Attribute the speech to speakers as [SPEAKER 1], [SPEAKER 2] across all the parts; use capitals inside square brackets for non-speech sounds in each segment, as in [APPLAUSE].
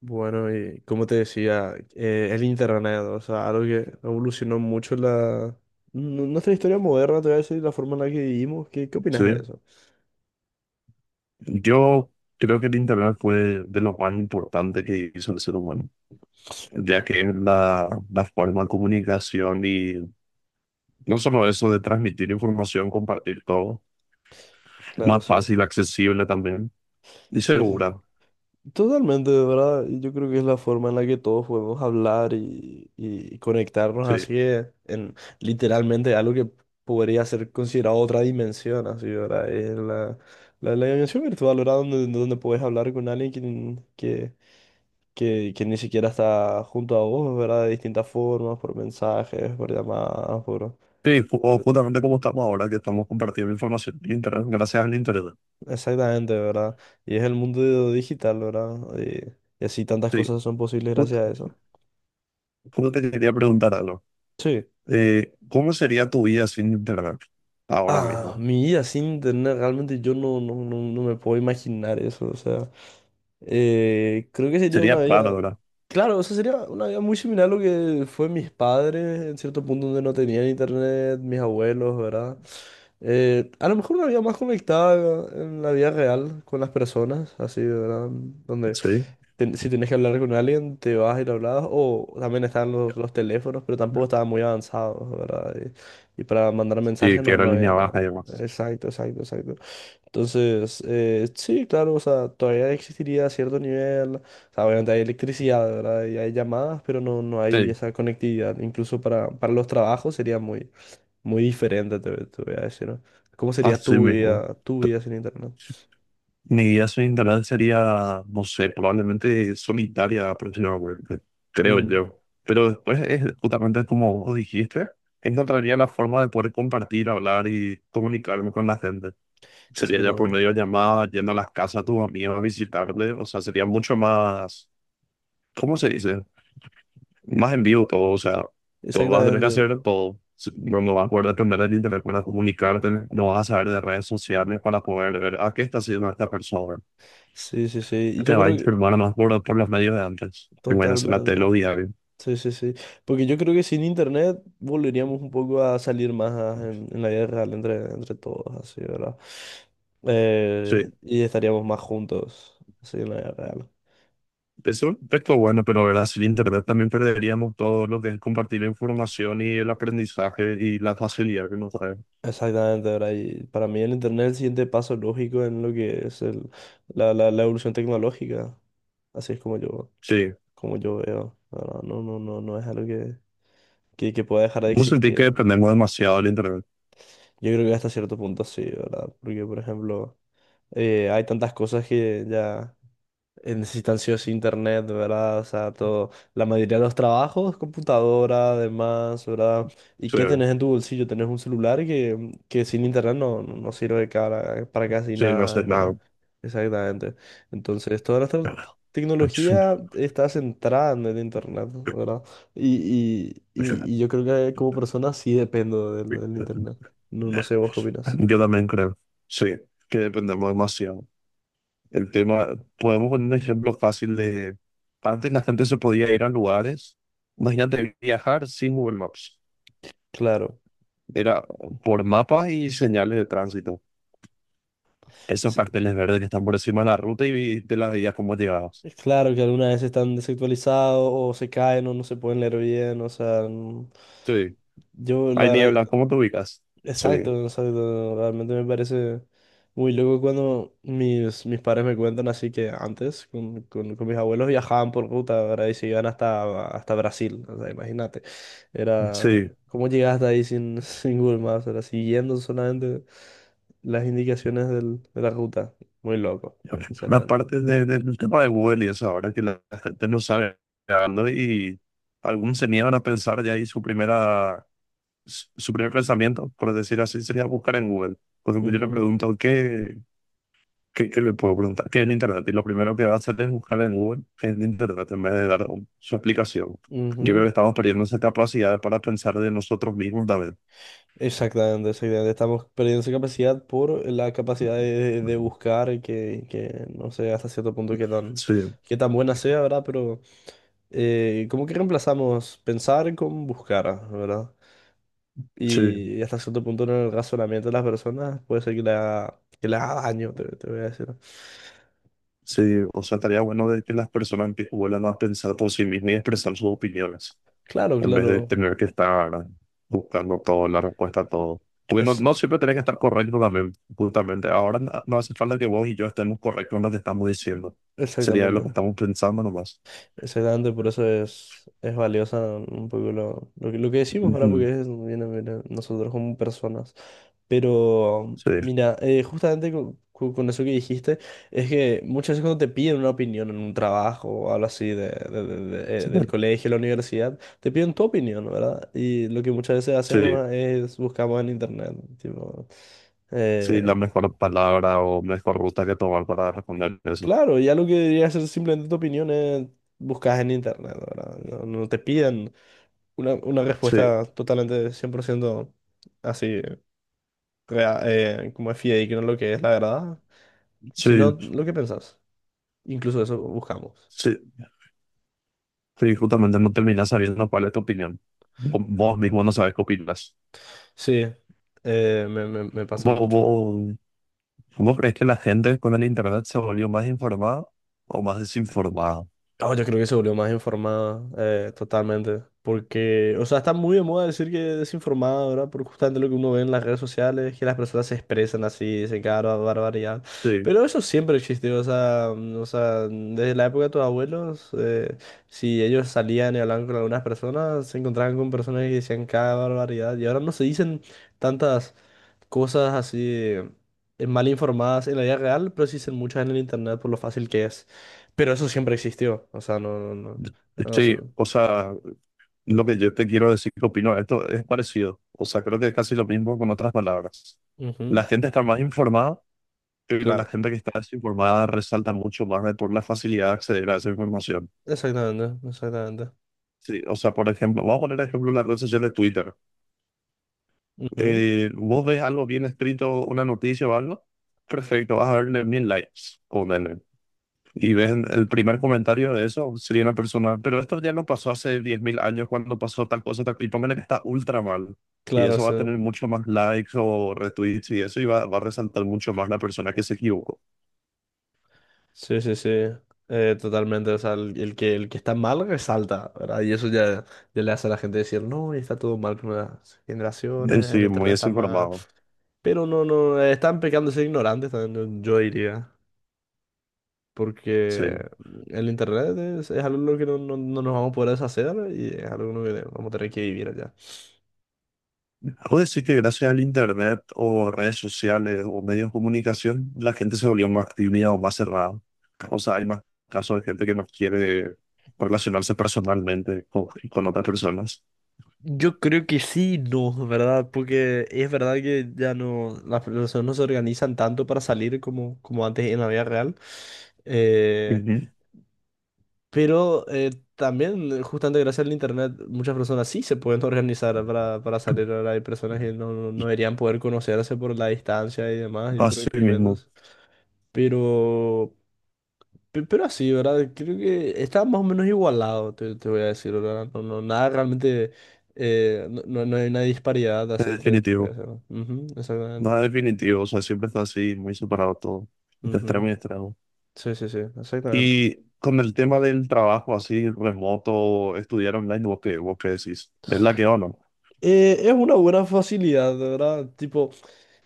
[SPEAKER 1] Bueno, y como te decía, el internet, o sea, algo que evolucionó mucho nuestra historia moderna, te voy a decir, la forma en la que vivimos. ¿Qué, qué opinas
[SPEAKER 2] Sí,
[SPEAKER 1] de eso?
[SPEAKER 2] yo creo que el Internet fue de lo más importante que hizo el ser humano, ya que es la forma de comunicación y no solo eso de transmitir información, compartir todo,
[SPEAKER 1] Claro,
[SPEAKER 2] más
[SPEAKER 1] sí.
[SPEAKER 2] fácil, accesible también y
[SPEAKER 1] Sí, sí.
[SPEAKER 2] segura.
[SPEAKER 1] Totalmente, de verdad. Yo creo que es la forma en la que todos podemos hablar y conectarnos
[SPEAKER 2] Sí,
[SPEAKER 1] así en literalmente algo que podría ser considerado otra dimensión, así, ¿verdad? Es la dimensión virtual, ¿verdad? Donde puedes hablar con alguien que ni siquiera está junto a vos, ¿verdad? De distintas formas, por mensajes, por llamadas, por...
[SPEAKER 2] sí, o justamente como estamos ahora, que estamos compartiendo información en Internet, gracias al Internet.
[SPEAKER 1] Exactamente, ¿verdad? Y es el mundo digital, ¿verdad? Y así tantas
[SPEAKER 2] Sí,
[SPEAKER 1] cosas son posibles
[SPEAKER 2] justo
[SPEAKER 1] gracias a eso.
[SPEAKER 2] te quería preguntar algo.
[SPEAKER 1] Sí.
[SPEAKER 2] ¿cómo sería tu vida sin Internet ahora
[SPEAKER 1] Ah,
[SPEAKER 2] mismo?
[SPEAKER 1] mi vida sin internet, realmente yo no me puedo imaginar eso, o sea, creo que sería una
[SPEAKER 2] Sería raro,
[SPEAKER 1] vida.
[SPEAKER 2] ¿verdad?
[SPEAKER 1] Claro, eso sería una vida muy similar a lo que fue mis padres en cierto punto donde no tenían internet, mis abuelos, ¿verdad? A lo mejor una vida más conectada en la vida real con las personas, así, ¿verdad? Donde
[SPEAKER 2] Sí.
[SPEAKER 1] si tenés que hablar con alguien, te vas y le hablas, o también están los teléfonos, pero tampoco estaban muy avanzados, ¿verdad? Y para mandar
[SPEAKER 2] Sí,
[SPEAKER 1] mensajes
[SPEAKER 2] que era
[SPEAKER 1] no había
[SPEAKER 2] línea
[SPEAKER 1] nada.
[SPEAKER 2] baja y demás.
[SPEAKER 1] Exacto, exacto, exacto. Entonces, sí, claro, o sea, todavía existiría cierto nivel, o sea, obviamente hay electricidad, ¿verdad? Y hay llamadas, pero no hay
[SPEAKER 2] Sí,
[SPEAKER 1] esa conectividad. Incluso para los trabajos sería muy diferente, te voy a decir, ¿no? ¿Cómo sería
[SPEAKER 2] así mismo.
[SPEAKER 1] tu
[SPEAKER 2] P-
[SPEAKER 1] vida sin internet?
[SPEAKER 2] Mi vida sin internet sería, no sé, probablemente solitaria aproximadamente, creo
[SPEAKER 1] Mm,
[SPEAKER 2] yo. Pero después es justamente como vos dijiste, encontraría la forma de poder compartir, hablar y comunicarme con la gente. Sería ya por
[SPEAKER 1] exactamente.
[SPEAKER 2] medio de llamadas, yendo a las casas a tus amigos a visitarle, o sea, sería mucho más, ¿cómo se dice? Más en vivo todo, o sea, todo vas a tener que
[SPEAKER 1] Exactamente.
[SPEAKER 2] hacer todo. No, no vas a poder depender de internet para comunicarte, no vas a saber de redes sociales para poder ver a qué está haciendo esta persona.
[SPEAKER 1] Sí, sí, sí. Y
[SPEAKER 2] Te
[SPEAKER 1] yo
[SPEAKER 2] va a
[SPEAKER 1] creo que
[SPEAKER 2] informar más por los medios de antes. Y bueno, hacer la tele
[SPEAKER 1] totalmente.
[SPEAKER 2] o diario.
[SPEAKER 1] Sí, sí, sí. Porque yo creo que sin internet volveríamos un poco a salir más en la vida real entre todos, así, ¿verdad?
[SPEAKER 2] Sí,
[SPEAKER 1] Y estaríamos más juntos, así, en la vida real.
[SPEAKER 2] eso es todo bueno, pero verdad, sin internet también perderíamos todo lo que es compartir la información y el aprendizaje y la facilidad que nos trae.
[SPEAKER 1] Exactamente, ¿verdad? Y para mí el internet es el siguiente paso lógico en lo que es la evolución tecnológica. Así es
[SPEAKER 2] Sí,
[SPEAKER 1] como yo veo, ¿verdad? No es algo que pueda dejar de
[SPEAKER 2] no sentí que
[SPEAKER 1] existir.
[SPEAKER 2] dependemos demasiado del internet.
[SPEAKER 1] Yo creo que hasta cierto punto sí, ¿verdad? Porque, por ejemplo, hay tantas cosas que ya... necesitan sí o sí internet, ¿verdad? O sea, todo, la mayoría de los trabajos, computadora, además, ¿verdad? ¿Y
[SPEAKER 2] Sí,
[SPEAKER 1] qué tenés en tu bolsillo? Tenés un celular que sin internet no sirve para casi
[SPEAKER 2] sí, no
[SPEAKER 1] nada,
[SPEAKER 2] sé
[SPEAKER 1] ¿entendés?
[SPEAKER 2] nada.
[SPEAKER 1] Exactamente. Entonces, toda nuestra tecnología está centrada en el internet, ¿verdad? Y yo creo que como persona sí dependo del internet. No sé vos qué opinas.
[SPEAKER 2] Yo también creo, sí, que dependemos demasiado. El tema, podemos poner un ejemplo fácil de, antes la gente se podía ir a lugares, imagínate viajar sin Google Maps,
[SPEAKER 1] Claro.
[SPEAKER 2] era por mapas y señales de tránsito, esos carteles verdes que están por encima de la ruta y te las veías cómo llegabas.
[SPEAKER 1] Es Claro que algunas veces están desactualizados o se caen o no se pueden leer bien, o sea,
[SPEAKER 2] Sí,
[SPEAKER 1] yo
[SPEAKER 2] hay
[SPEAKER 1] la verdad,
[SPEAKER 2] niebla, ¿cómo te ubicas? Sí,
[SPEAKER 1] exacto, exacto, realmente me parece muy loco cuando mis padres me cuentan así que antes con mis abuelos viajaban por ruta, ¿verdad? Y se iban hasta Brasil, o sea, imagínate, era,
[SPEAKER 2] sí,
[SPEAKER 1] ¿cómo llegaste hasta ahí sin, [LAUGHS] sin Google Maps? Era siguiendo solamente las indicaciones de la ruta, muy loco,
[SPEAKER 2] una
[SPEAKER 1] sinceramente.
[SPEAKER 2] parte del tema de Google y eso, ahora que la gente no sabe, ¿no? Y algunos se niegan a pensar ya ahí su primera, su primer pensamiento, por decir así, sería buscar en Google. Por ejemplo, yo le
[SPEAKER 1] Ujú,
[SPEAKER 2] pregunto, ¿qué le puedo preguntar? ¿Qué es en Internet? Y lo primero que va a hacer es buscar en Google, qué es en Internet, en vez de dar su explicación. Yo creo
[SPEAKER 1] ujú.
[SPEAKER 2] que estamos perdiendo esa capacidad para pensar de nosotros mismos también.
[SPEAKER 1] Exactamente, exactamente. Estamos perdiendo esa capacidad por la capacidad de buscar que no sé hasta cierto punto
[SPEAKER 2] Sí,
[SPEAKER 1] qué tan buena sea, ¿verdad? Pero como que reemplazamos pensar con buscar, ¿verdad?
[SPEAKER 2] sí.
[SPEAKER 1] Y hasta cierto punto en el razonamiento de las personas puede ser que le haga daño, te voy a decir.
[SPEAKER 2] Sí, o sea, estaría bueno de que las personas vuelvan a pensar por sí mismas y expresar sus opiniones,
[SPEAKER 1] Claro,
[SPEAKER 2] en vez de
[SPEAKER 1] claro.
[SPEAKER 2] tener que estar buscando todo, la respuesta a todo. Porque no,
[SPEAKER 1] Es
[SPEAKER 2] no siempre tenés que estar correcto también, justamente. Ahora no, no hace falta que vos y yo estemos correctos en lo que estamos diciendo. Sería lo que
[SPEAKER 1] exactamente.
[SPEAKER 2] estamos pensando nomás.
[SPEAKER 1] Exactamente, por eso es valiosa un poco lo que decimos ahora, porque
[SPEAKER 2] Ujú.
[SPEAKER 1] es, viene, viene mira, nosotros como personas. Pero,
[SPEAKER 2] Sí,
[SPEAKER 1] mira, justamente con eso que dijiste, es que muchas veces cuando te piden una opinión en un trabajo o algo así
[SPEAKER 2] sí,
[SPEAKER 1] del colegio, la universidad, te piden tu opinión, ¿verdad? Y lo que muchas veces
[SPEAKER 2] sí,
[SPEAKER 1] hacemos es buscamos en internet, tipo,
[SPEAKER 2] sí,
[SPEAKER 1] eh,
[SPEAKER 2] la mejor palabra o mejor ruta que tomar para responder eso.
[SPEAKER 1] claro, ya lo que debería ser simplemente tu opinión es buscas en internet, ¿verdad? No, no te pidan. Una
[SPEAKER 2] Sí,
[SPEAKER 1] respuesta totalmente 100% así, como es fidedigno lo que es la verdad,
[SPEAKER 2] sí,
[SPEAKER 1] sino lo que pensás. Incluso eso buscamos.
[SPEAKER 2] sí. Sí, justamente no terminas sabiendo cuál es tu opinión. Vos mismo no sabes qué opinas.
[SPEAKER 1] Sí, me pasa
[SPEAKER 2] ¿Vos,
[SPEAKER 1] mucho.
[SPEAKER 2] vos, vos crees que la gente con el internet se volvió más informada o más desinformada?
[SPEAKER 1] Oh, yo creo que se volvió más informada, totalmente. Porque, o sea, está muy de moda decir que desinformada, ¿verdad? Por justamente lo que uno ve en las redes sociales, que las personas se expresan así, dicen barbaridad.
[SPEAKER 2] Sí,
[SPEAKER 1] Pero eso siempre existió, o sea, o sea, desde la época de tus abuelos, si ellos salían y hablaban con algunas personas, se encontraban con personas que decían cada barbaridad. Y ahora no se dicen tantas cosas así mal informadas en la vida real, pero sí son muchas en el internet por lo fácil que es. Pero eso siempre existió, o sea, no, no, no. no, o sea,
[SPEAKER 2] sí, o sea, lo que yo te quiero decir que opino de esto es parecido. O sea, creo que es casi lo mismo con otras palabras. La
[SPEAKER 1] ujú,
[SPEAKER 2] gente está más informada, pero la
[SPEAKER 1] claro,
[SPEAKER 2] gente que está desinformada resalta mucho más por la facilidad de acceder a esa información.
[SPEAKER 1] exactamente, exactamente.
[SPEAKER 2] Sí, o sea, por ejemplo, vamos a poner el ejemplo de la red social de Twitter.
[SPEAKER 1] Ujú,
[SPEAKER 2] Eh, vos ves algo bien escrito, una noticia o algo, perfecto, vas a verle 1000 likes, ponele. Y ves el primer comentario de eso, sería una persona, pero esto ya no pasó hace 10 000 años cuando pasó tal cosa, tal, y póngale que está ultra mal. Y
[SPEAKER 1] claro,
[SPEAKER 2] eso va a
[SPEAKER 1] sí.
[SPEAKER 2] tener mucho más likes o retweets y eso, y va, va a resaltar mucho más la persona que se equivocó.
[SPEAKER 1] Sí, sí, sí. Totalmente, o sea, el que está mal resalta, ¿verdad? Y eso ya le hace a la gente decir, no, está todo mal con las generaciones, el
[SPEAKER 2] Sí, muy
[SPEAKER 1] internet está mal.
[SPEAKER 2] desinformado.
[SPEAKER 1] Pero no, no, están pecando de ser ignorantes también, yo diría. Porque
[SPEAKER 2] Sí.
[SPEAKER 1] el internet es algo que no nos vamos a poder deshacer y es algo que vamos a tener que vivir allá.
[SPEAKER 2] Algo decir que gracias al internet o redes sociales o medios de comunicación, la gente se volvió más tímida o más cerrada. O sea, hay más casos de gente que no quiere relacionarse personalmente con otras personas.
[SPEAKER 1] Yo creo que sí, no, ¿verdad? Porque es verdad que ya no, las personas no se organizan tanto para salir como antes en la vida real. Eh,
[SPEAKER 2] Ujú.
[SPEAKER 1] justamente gracias al internet, muchas personas sí se pueden [LAUGHS] organizar para salir. Ahora hay personas que no, no no deberían poder conocerse por la distancia y demás y otros
[SPEAKER 2] Así mismo,
[SPEAKER 1] impedimentos. Pero. Pero así, ¿verdad? Creo que está más o menos igualado, te voy a decir, ¿verdad? No, nada realmente, no hay una disparidad,
[SPEAKER 2] es
[SPEAKER 1] así te voy a
[SPEAKER 2] definitivo.
[SPEAKER 1] decir. ¿No? Ujú, exactamente.
[SPEAKER 2] Nada definitivo, o sea, siempre está así, muy separado todo, de
[SPEAKER 1] Ujú.
[SPEAKER 2] extremo y extremo.
[SPEAKER 1] Sí, sí, sí, exactamente.
[SPEAKER 2] Y con el tema del trabajo así remoto, estudiar online, vos qué decís? ¿Es la que o no?
[SPEAKER 1] Es una buena facilidad, ¿verdad? Tipo,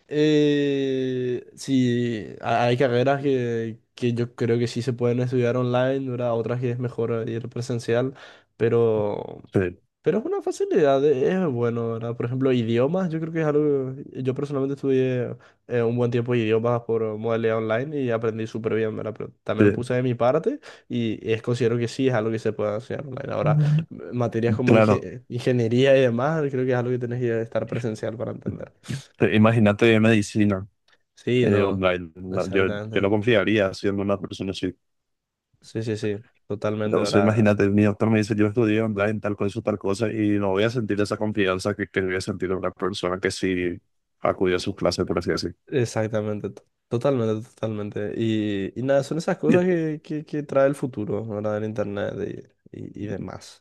[SPEAKER 1] sí, hay carreras que yo creo que sí se pueden estudiar online, ¿verdad? Otras que es mejor ir presencial, pero,
[SPEAKER 2] Sí,
[SPEAKER 1] pero es una facilidad, es bueno, ¿verdad? Por ejemplo, idiomas, yo creo que es algo, yo personalmente estudié un buen tiempo de idiomas por modalidad online y aprendí súper bien, ¿verdad? Pero también
[SPEAKER 2] sí.
[SPEAKER 1] puse de mi parte y es, considero que sí es algo que se puede hacer online. Ahora,
[SPEAKER 2] Bueno.
[SPEAKER 1] materias como
[SPEAKER 2] Claro,
[SPEAKER 1] ingeniería y demás, creo que es algo que tenés que estar presencial para entender.
[SPEAKER 2] sí, imagínate medicina.
[SPEAKER 1] Sí,
[SPEAKER 2] Eh,
[SPEAKER 1] no,
[SPEAKER 2] online. No, yo
[SPEAKER 1] exactamente.
[SPEAKER 2] no confiaría siendo una persona así.
[SPEAKER 1] Sí, sí, sí, totalmente,
[SPEAKER 2] Entonces,
[SPEAKER 1] ¿verdad?
[SPEAKER 2] imagínate, mi doctor me dice, yo estudié online tal cosa, y no voy a sentir esa confianza que voy a sentir una persona que sí acudió a sus clases, por así decir.
[SPEAKER 1] Exactamente, totalmente, totalmente. Y nada, son esas
[SPEAKER 2] Y,
[SPEAKER 1] cosas que trae el futuro, ¿verdad? El internet y demás.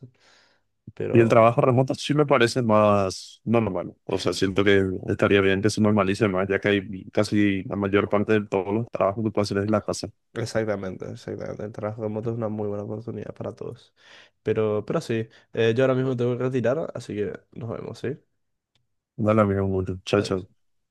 [SPEAKER 2] y el
[SPEAKER 1] Pero,
[SPEAKER 2] trabajo remoto sí me parece más normal. O sea, siento que estaría bien que se normalice más, ya que hay casi la mayor parte de todos los trabajos que puedo hacer en la casa.
[SPEAKER 1] exactamente, exactamente. El trabajo remoto es una muy buena oportunidad para todos. Pero sí, yo ahora mismo tengo que retirar, así que nos vemos, ¿sí?
[SPEAKER 2] Dale, amigo,
[SPEAKER 1] Adiós.
[SPEAKER 2] muchacho.